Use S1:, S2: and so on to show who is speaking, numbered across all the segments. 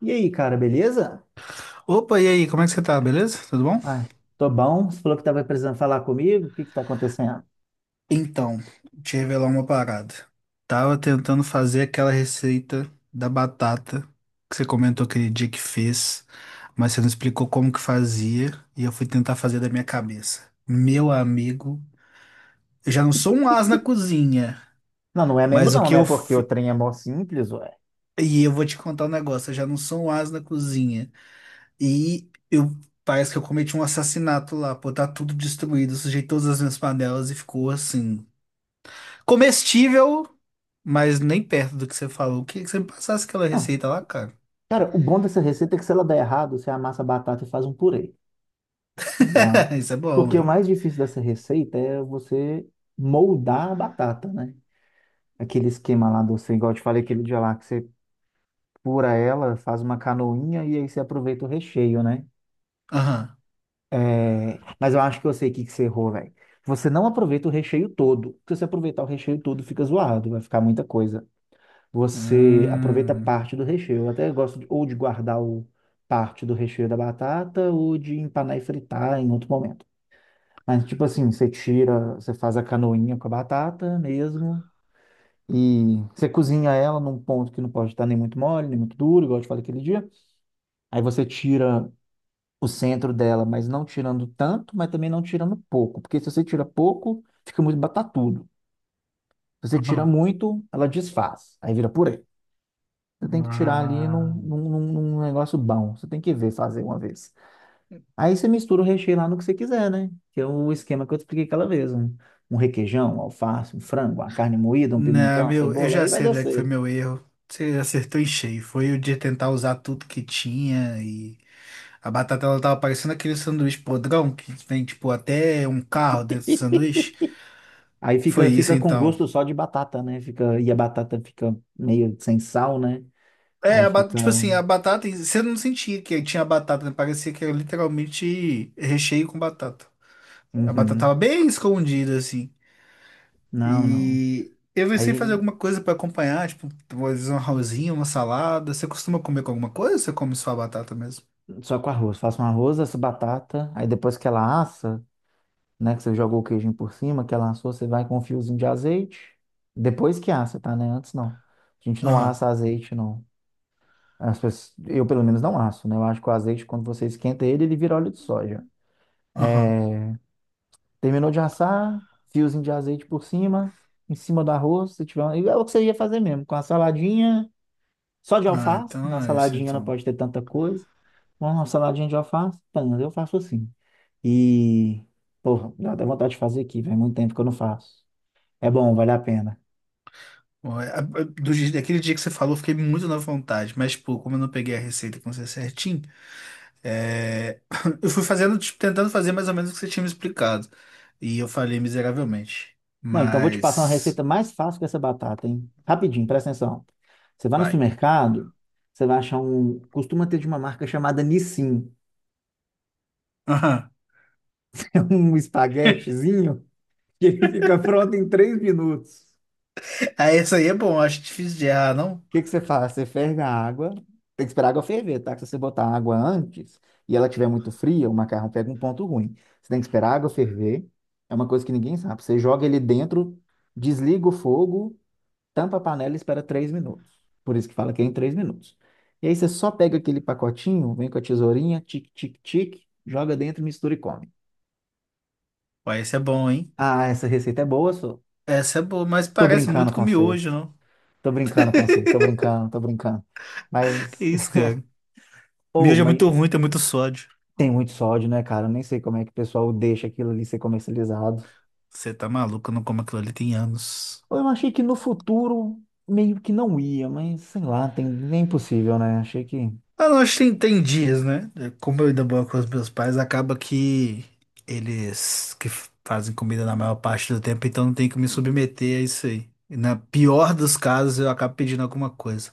S1: E aí, cara, beleza?
S2: Opa, e aí, como é que você tá? Beleza? Tudo bom?
S1: Ai, tô bom. Você falou que tava precisando falar comigo. O que que tá acontecendo?
S2: Então, te revelar uma parada. Tava tentando fazer aquela receita da batata que você comentou aquele dia que fez, mas você não explicou como que fazia e eu fui tentar fazer da minha cabeça. Meu amigo, eu já não sou um as na cozinha,
S1: Não, não é mesmo
S2: mas o
S1: não,
S2: que
S1: né?
S2: eu
S1: Porque o
S2: fi...
S1: trem é mó simples, ué.
S2: E eu vou te contar um negócio, eu já não sou um as na cozinha. E eu parece que eu cometi um assassinato lá, pô, tá tudo destruído, sujei todas as minhas panelas e ficou assim. Comestível, mas nem perto do que você falou. Queria que você me passasse aquela
S1: Não.
S2: receita lá, cara.
S1: Cara, o bom dessa receita é que se ela der errado, você amassa a batata e faz um purê, tá ligado?
S2: Isso é bom,
S1: Porque o
S2: hein?
S1: mais difícil dessa receita é você moldar a batata, né? Aquele esquema lá igual eu te falei aquele dia lá, que você pura ela, faz uma canoinha e aí você aproveita o recheio, né?
S2: Aham.
S1: É, mas eu acho que eu sei o que que você errou, velho. Você não aproveita o recheio todo. Porque se você aproveitar o recheio todo, fica zoado, vai ficar muita coisa. Você aproveita
S2: Hum.
S1: parte do recheio. Eu até gosto ou de guardar o parte do recheio da batata ou de empanar e fritar em outro momento. Mas, tipo assim, você tira, você faz a canoinha com a batata mesmo. E você cozinha ela num ponto que não pode estar nem muito mole, nem muito duro, igual eu te falei aquele dia. Aí você tira o centro dela, mas não tirando tanto, mas também não tirando pouco, porque se você tira pouco, fica muito batatudo. Se você tira
S2: Uhum.
S1: muito, ela desfaz, aí vira purê. Você tem que tirar ali
S2: Ah.
S1: num negócio bom, você tem que ver fazer uma vez. Aí você mistura o recheio lá no que você quiser, né? Que é o esquema que eu te expliquei aquela vez, um requeijão, um alface, um frango, uma carne moída, um pimentão,
S2: Não,
S1: uma
S2: meu, eu
S1: cebola,
S2: já
S1: aí vai
S2: sei
S1: dar
S2: onde é que foi
S1: certo.
S2: meu erro. Você acertou em cheio. Foi o de tentar usar tudo que tinha e a batata ela tava parecendo aquele sanduíche podrão que vem tipo até um carro dentro do sanduíche.
S1: Aí
S2: Foi
S1: fica,
S2: isso
S1: fica com
S2: então.
S1: gosto só de batata, né? Fica, e a batata fica meio sem sal, né?
S2: É,
S1: Aí
S2: a ba-
S1: fica.
S2: tipo assim, a batata, você não sentia que tinha batata, né? Parecia que era literalmente recheio com batata. A batata
S1: Uhum.
S2: tava bem escondida, assim.
S1: Não, não.
S2: E eu pensei em fazer
S1: Aí
S2: alguma coisa pra acompanhar, tipo, às vezes um arrozinho, uma salada. Você costuma comer com alguma coisa ou você come só a batata mesmo?
S1: só com arroz. Faço um arroz, essa batata. Aí depois que ela assa, né? Que você jogou o queijinho por cima, que ela assou, você vai com um fiozinho de azeite. Depois que assa, tá? Né? Antes não. A gente não
S2: Aham,
S1: assa azeite, não. Eu pelo menos não asso, né? Eu acho que o azeite, quando você esquenta ele, ele vira óleo de soja.
S2: aham.
S1: Terminou de assar, fiozinho de azeite por cima, em cima do arroz, se tiver. É o que você ia fazer mesmo, com a saladinha. Só de
S2: Ah,
S1: alface, na
S2: então é isso,
S1: saladinha não
S2: então.
S1: pode ter tanta coisa. Mas uma saladinha de alface, pano, eu faço assim. E, porra, dá até vontade de fazer aqui, faz muito tempo que eu não faço. É bom, vale a pena.
S2: Bom, é- a- Do, dia- daquele dia que você falou, eu fiquei muito na vontade, mas, tipo, como eu não peguei a receita com você certinho. É, Eu fui fazendo, tipo, tentando fazer mais ou menos o que você tinha me explicado. E eu falhei miseravelmente.
S1: Não, então vou te passar uma
S2: Mas.
S1: receita mais fácil que essa batata, hein? Rapidinho, presta atenção. Você vai no
S2: Vai.
S1: supermercado, você vai achar um. Costuma ter de uma marca chamada Nissin.
S2: Aham.
S1: É um espaguetezinho que ele fica pronto em 3 minutos.
S2: Ah, essa aí é bom, acho difícil de errar, não?
S1: Que você faz? Você ferve a água. Tem que esperar a água ferver, tá? Que se você botar a água antes e ela tiver muito fria, o macarrão pega um ponto ruim. Você tem que esperar a água ferver. É uma coisa que ninguém sabe. Você joga ele dentro, desliga o fogo, tampa a panela e espera 3 minutos. Por isso que fala que é em 3 minutos. E aí você só pega aquele pacotinho, vem com a tesourinha, tic, tic, tic, joga dentro, mistura e come.
S2: Ué, essa é bom, hein?
S1: Ah, essa receita é boa, só.
S2: Essa é boa, mas
S1: Tô
S2: parece
S1: brincando
S2: muito com
S1: com você.
S2: miojo, não?
S1: Tô brincando com você. Tô brincando, tô brincando.
S2: Que
S1: Mas,
S2: isso, cara?
S1: ou,
S2: Miojo é
S1: mas
S2: muito ruim, tem muito sódio.
S1: Tem muito sódio, né, cara? Eu nem sei como é que o pessoal deixa aquilo ali ser comercializado.
S2: Você tá maluco, eu não como aquilo ali tem anos.
S1: Eu achei que no futuro meio que não ia, mas sei lá, tem, nem impossível, né? Achei que.
S2: Ah, não, acho que tem, tem dias, né? É, como eu ainda moro com os meus pais, acaba que eles que f- fazem comida na maior parte do tempo, então não tem que me submeter a isso aí. E na pior dos casos, eu acabo pedindo alguma coisa.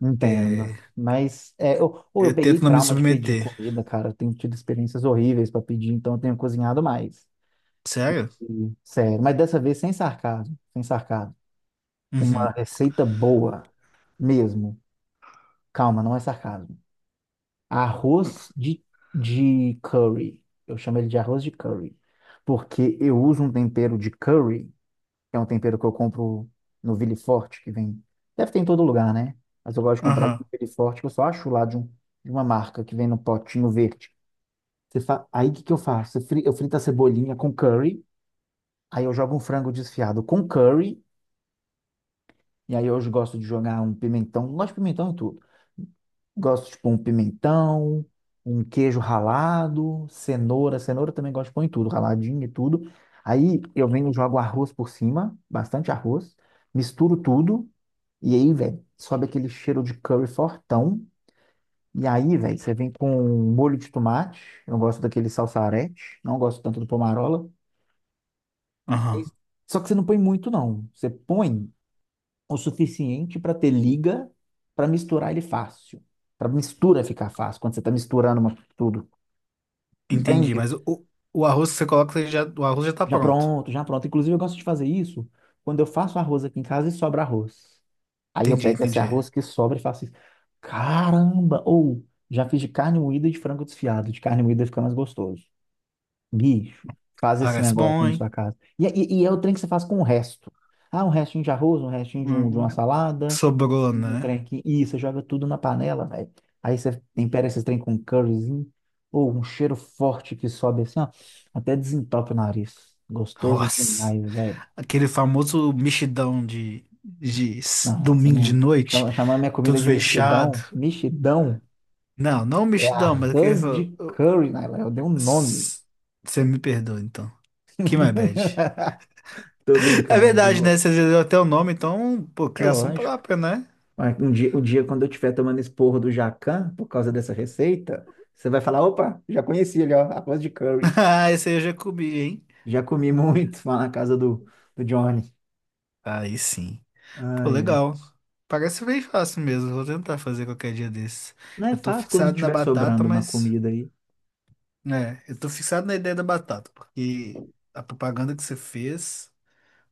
S1: Entendo.
S2: É,
S1: Mas é, eu
S2: eu
S1: peguei
S2: tento não me
S1: trauma de pedir
S2: submeter.
S1: comida, cara. Eu tenho tido experiências horríveis para pedir, então eu tenho cozinhado mais.
S2: Sério?
S1: E, sério, mas dessa vez sem sarcasmo, sem sarcasmo. Uma
S2: Uhum.
S1: receita boa mesmo. Calma, não é sarcasmo. Arroz de curry. Eu chamo ele de arroz de curry. Porque eu uso um tempero de curry, que é um tempero que eu compro no Ville Forte, que vem. Deve ter em todo lugar, né? Mas eu gosto de comprar ele no
S2: Aham.
S1: Ville Forte, que eu só acho lá de uma marca que vem no potinho verde. Aí o que, que eu faço? Eu frito a cebolinha com curry, aí eu jogo um frango desfiado com curry. E aí hoje gosto de jogar um pimentão, gosto de pimentão e tudo. Gosto de pôr um pimentão, um queijo ralado, cenoura. Cenoura também gosto de pôr em tudo, raladinho e tudo. Aí eu venho, jogo arroz por cima, bastante arroz, misturo tudo. E aí, velho, sobe aquele cheiro de curry fortão. E aí, velho, você vem com um molho de tomate. Eu gosto daquele salsarete, não gosto tanto do pomarola. Aí-
S2: Aham.
S1: só que você não põe muito, não. Você põe o suficiente para ter liga para misturar ele fácil. Para mistura ficar fácil, quando você está misturando tudo.
S2: Entendi,
S1: Entende?
S2: mas o arroz que você coloca, ele já, o arroz já tá
S1: Já
S2: pronto.
S1: pronto, já pronto. Inclusive, eu gosto de fazer isso quando eu faço arroz aqui em casa e sobra arroz. Aí eu
S2: Entendi,
S1: pego esse
S2: entendi.
S1: arroz que sobra e faço isso. Caramba! Ou já fiz de carne moída e de frango desfiado. De carne moída fica mais gostoso. Bicho, faz esse
S2: Parece
S1: negócio
S2: bom,
S1: na sua
S2: hein?
S1: casa. E é o trem que você faz com o resto. Ah, um restinho de arroz, um restinho de, um,
S2: Hum,
S1: de uma
S2: hum.
S1: salada.
S2: Sobrou,
S1: Um trem
S2: né?
S1: aqui. E você joga tudo na panela, velho. Aí você tempera esses trem com um curryzinho. Ou um cheiro forte que sobe assim, ó. Até desentope o nariz. Gostoso
S2: Nossa.
S1: demais, velho.
S2: Aquele famoso mexidão de s-
S1: Não, não, você
S2: domingo de
S1: não...
S2: noite,
S1: Chamar minha comida
S2: tudo
S1: de
S2: fechado.
S1: mexidão. Mexidão
S2: Não, não
S1: é
S2: mexidão, mas aquele.
S1: arroz
S2: Fa-
S1: de curry, Naila. Eu dei um nome.
S2: s- Você me perdoa, então. Que my bad.
S1: Tô
S2: É
S1: brincando de
S2: verdade, né?
S1: novo.
S2: Você já deu até o nome, então, pô,
S1: É
S2: criação
S1: lógico.
S2: própria, né?
S1: Mas um dia, um dia, quando eu estiver tomando esse porro do Jacan, por causa dessa receita, você vai falar, opa, já conheci ele, ó, arroz de curry.
S2: Ah, esse aí eu já comi, hein?
S1: Já comi muito lá na casa do, Johnny.
S2: Aí sim. Pô,
S1: Ai, é.
S2: legal. Parece bem fácil mesmo. Vou tentar fazer qualquer dia desses.
S1: Não é
S2: Eu tô
S1: fácil quando
S2: fixado na
S1: estiver
S2: batata,
S1: sobrando uma
S2: mas.
S1: comida aí.
S2: É, eu tô fixado na ideia da batata, porque a propaganda que você fez.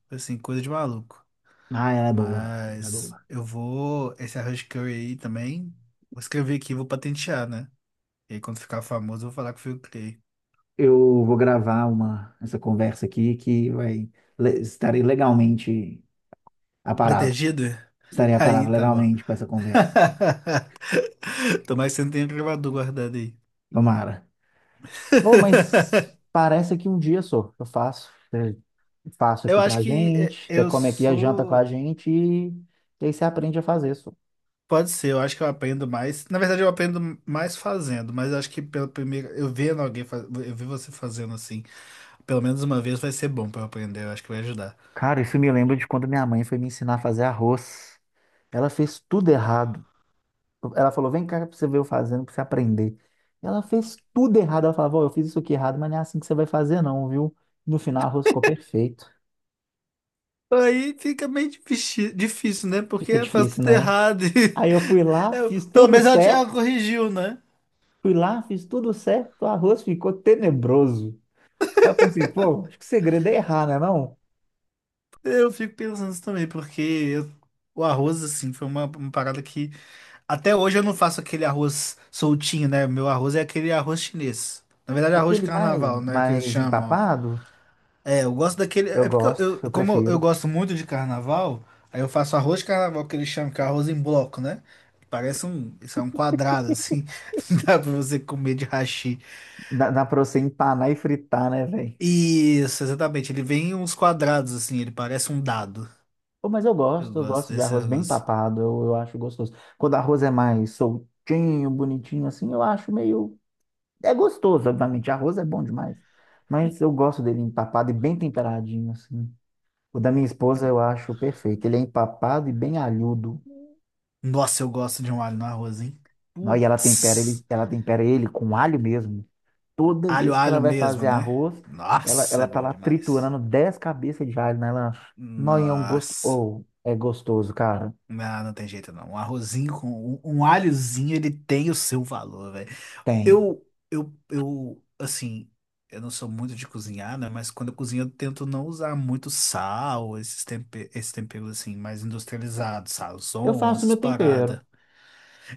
S2: Assim, coisa de maluco.
S1: Ah, ela é boa. Ela é
S2: Mas
S1: boa.
S2: eu vou. Esse arroz de curry aí também. Vou escrever aqui e vou patentear, né? E aí, quando ficar famoso, eu vou falar que fui eu que criei.
S1: Eu vou gravar essa conversa aqui que vai. Estarei legalmente aparado.
S2: Protegido?
S1: Estarei
S2: Aí
S1: aparado
S2: tá bom.
S1: legalmente com essa conversa.
S2: Tomara que você não tenha gravador guardado aí.
S1: Tomara. Oh, mas parece que um dia só eu faço. Faço
S2: Eu
S1: aqui
S2: acho
S1: pra
S2: que é,
S1: gente. Você
S2: eu
S1: come aqui a janta com a
S2: sou.
S1: gente e aí você aprende a fazer.
S2: Pode ser, eu acho que eu aprendo mais. Na verdade, eu aprendo mais fazendo, mas eu acho que pela primeira. Eu vendo alguém, faz... eu vi você fazendo assim, pelo menos uma vez vai ser bom pra eu aprender, eu acho que vai ajudar.
S1: Cara, isso me lembra de quando minha mãe foi me ensinar a fazer arroz. Ela fez tudo errado. Ela falou: vem cá pra você ver eu fazendo, pra você aprender. Ela fez tudo errado. Ela falava: "Ó, eu fiz isso aqui errado, mas não é assim que você vai fazer, não, viu?" No final, o arroz ficou perfeito.
S2: Aí fica meio difícil, né?
S1: Fica
S2: Porque faz
S1: difícil,
S2: tudo
S1: né?
S2: errado. E-
S1: Aí eu fui lá,
S2: Eu-
S1: fiz
S2: pelo
S1: tudo
S2: menos ela, te- ela
S1: certo.
S2: corrigiu, né?
S1: Fui lá, fiz tudo certo. O arroz ficou tenebroso. Aí eu pensei: pô, acho que o segredo é errar, né? Não?
S2: Eu fico pensando isso também, porque eu- o arroz, assim, foi uma parada que. Até hoje eu não faço aquele arroz soltinho, né? Meu arroz é aquele arroz chinês. Na verdade, arroz de
S1: Aquele mais,
S2: carnaval, né? Que eles
S1: mais
S2: chamam.
S1: empapado,
S2: É, eu gosto daquele.
S1: eu
S2: É porque
S1: gosto,
S2: eu-
S1: eu
S2: como eu
S1: prefiro.
S2: gosto muito de carnaval, aí eu faço arroz de carnaval que eles chamam que é arroz em bloco, né? Parece um, isso é um quadrado assim, dá pra você comer de hashi.
S1: Dá pra você empanar e fritar, né, velho?
S2: Isso, exatamente. Ele vem em uns quadrados assim, ele parece um dado.
S1: Pô, mas eu
S2: Eu
S1: gosto, eu
S2: gosto
S1: gosto de
S2: desse
S1: arroz bem
S2: negócio.
S1: papado, eu acho gostoso. Quando arroz é mais soltinho, bonitinho assim, eu acho meio. É gostoso, obviamente. Arroz é bom demais. Mas eu gosto dele empapado e bem temperadinho, assim. O da minha esposa eu acho perfeito. Ele é empapado e bem alhudo.
S2: Nossa, eu gosto de um alho no arroz, hein?
S1: Nó, e ela tempera ele,
S2: Putz,
S1: com alho mesmo. Toda
S2: alho,
S1: vez que ela
S2: alho
S1: vai
S2: mesmo,
S1: fazer
S2: né?
S1: arroz, ela,
S2: Nossa,
S1: ela
S2: é
S1: tá
S2: bom
S1: lá
S2: demais.
S1: triturando 10 cabeças de alho, né, ela Nó, e é um gosto.
S2: Nossa.
S1: Ou é gostoso, cara.
S2: Não, não tem jeito não. Um arrozinho com um, um alhozinho, ele tem o seu valor, velho.
S1: Tem.
S2: Eu, eu, assim, eu não sou muito de cozinhar, né? Mas quando eu cozinho, eu tento não usar muito sal, esses tempe- esses temperos, assim, mais industrializados,
S1: Eu
S2: sazon,
S1: faço
S2: essas
S1: meu tempero.
S2: paradas.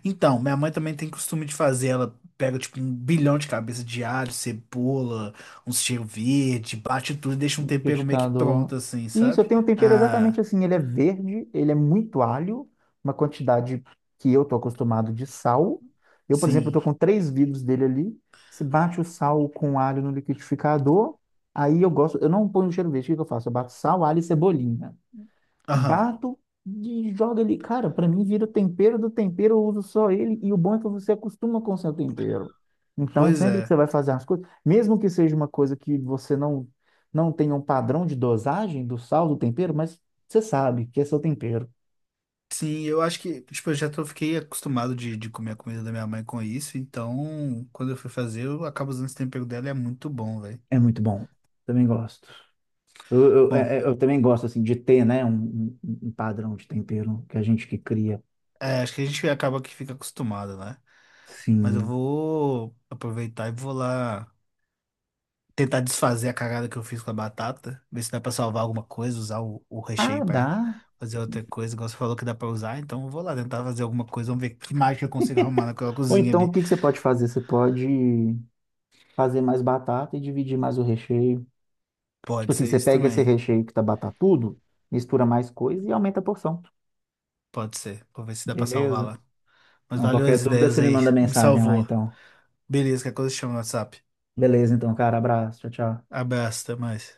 S2: Então, minha mãe também tem costume de fazer. Ela pega, tipo, um bilhão de cabeça de alho, cebola, uns cheiro verde, bate tudo e deixa um tempero meio que
S1: Liquidificador.
S2: pronto, assim,
S1: Isso, eu
S2: sabe?
S1: tenho um tempero
S2: Ah,
S1: exatamente assim. Ele é verde, ele é muito alho, uma quantidade que eu tô acostumado de sal. Eu, por exemplo, tô
S2: sim.
S1: com três vidros dele ali. Se bate o sal com alho no liquidificador, aí eu gosto. Eu não ponho cheiro verde, o que que eu faço? Eu bato sal, alho e cebolinha,
S2: Aham.
S1: bato e jogo ali. Cara, pra mim vira o tempero do tempero, eu uso só ele. E o bom é que você acostuma com o seu tempero. Então,
S2: Pois
S1: sempre que você
S2: é.
S1: vai fazer as coisas, mesmo que seja uma coisa que você não tenha um padrão de dosagem do sal, do tempero, mas você sabe que é seu tempero.
S2: Sim, eu acho que, tipo, eu já tô, fiquei acostumado de comer a comida da minha mãe com isso, então quando eu fui fazer, eu acabo usando esse tempero dela e é muito bom, velho.
S1: É muito bom. Também gosto. Eu, eu,
S2: Bom,
S1: é- é- eu também gosto, assim, de ter, né, um, um padrão de tempero que a gente que cria.
S2: é, acho que a gente acaba que fica acostumado, né? Mas eu
S1: Sim.
S2: vou aproveitar e vou lá tentar desfazer a cagada que eu fiz com a batata, ver se dá pra salvar alguma coisa, usar o
S1: Ah,
S2: recheio pra
S1: dá.
S2: fazer outra coisa, igual você falou que dá pra usar, então eu vou lá tentar fazer alguma coisa, vamos ver que mágica eu consigo arrumar naquela
S1: Ou
S2: cozinha
S1: então, o
S2: ali.
S1: que que você pode fazer? Você pode fazer mais batata e dividir mais o recheio. Tipo
S2: Pode
S1: assim,
S2: ser
S1: você
S2: isso
S1: pega esse
S2: também,
S1: recheio que tá batatudo, mistura mais coisa e aumenta a porção.
S2: pode ser, vou ver se dá pra salvar
S1: Beleza?
S2: lá. Mas
S1: Então,
S2: valeu
S1: qualquer
S2: as
S1: dúvida,
S2: ideias
S1: você me
S2: aí.
S1: manda
S2: Me
S1: mensagem lá,
S2: salvou.
S1: então.
S2: Beleza, que coisa chama no WhatsApp.
S1: Beleza, então, cara. Abraço. Tchau, tchau.
S2: Abraço, até mais.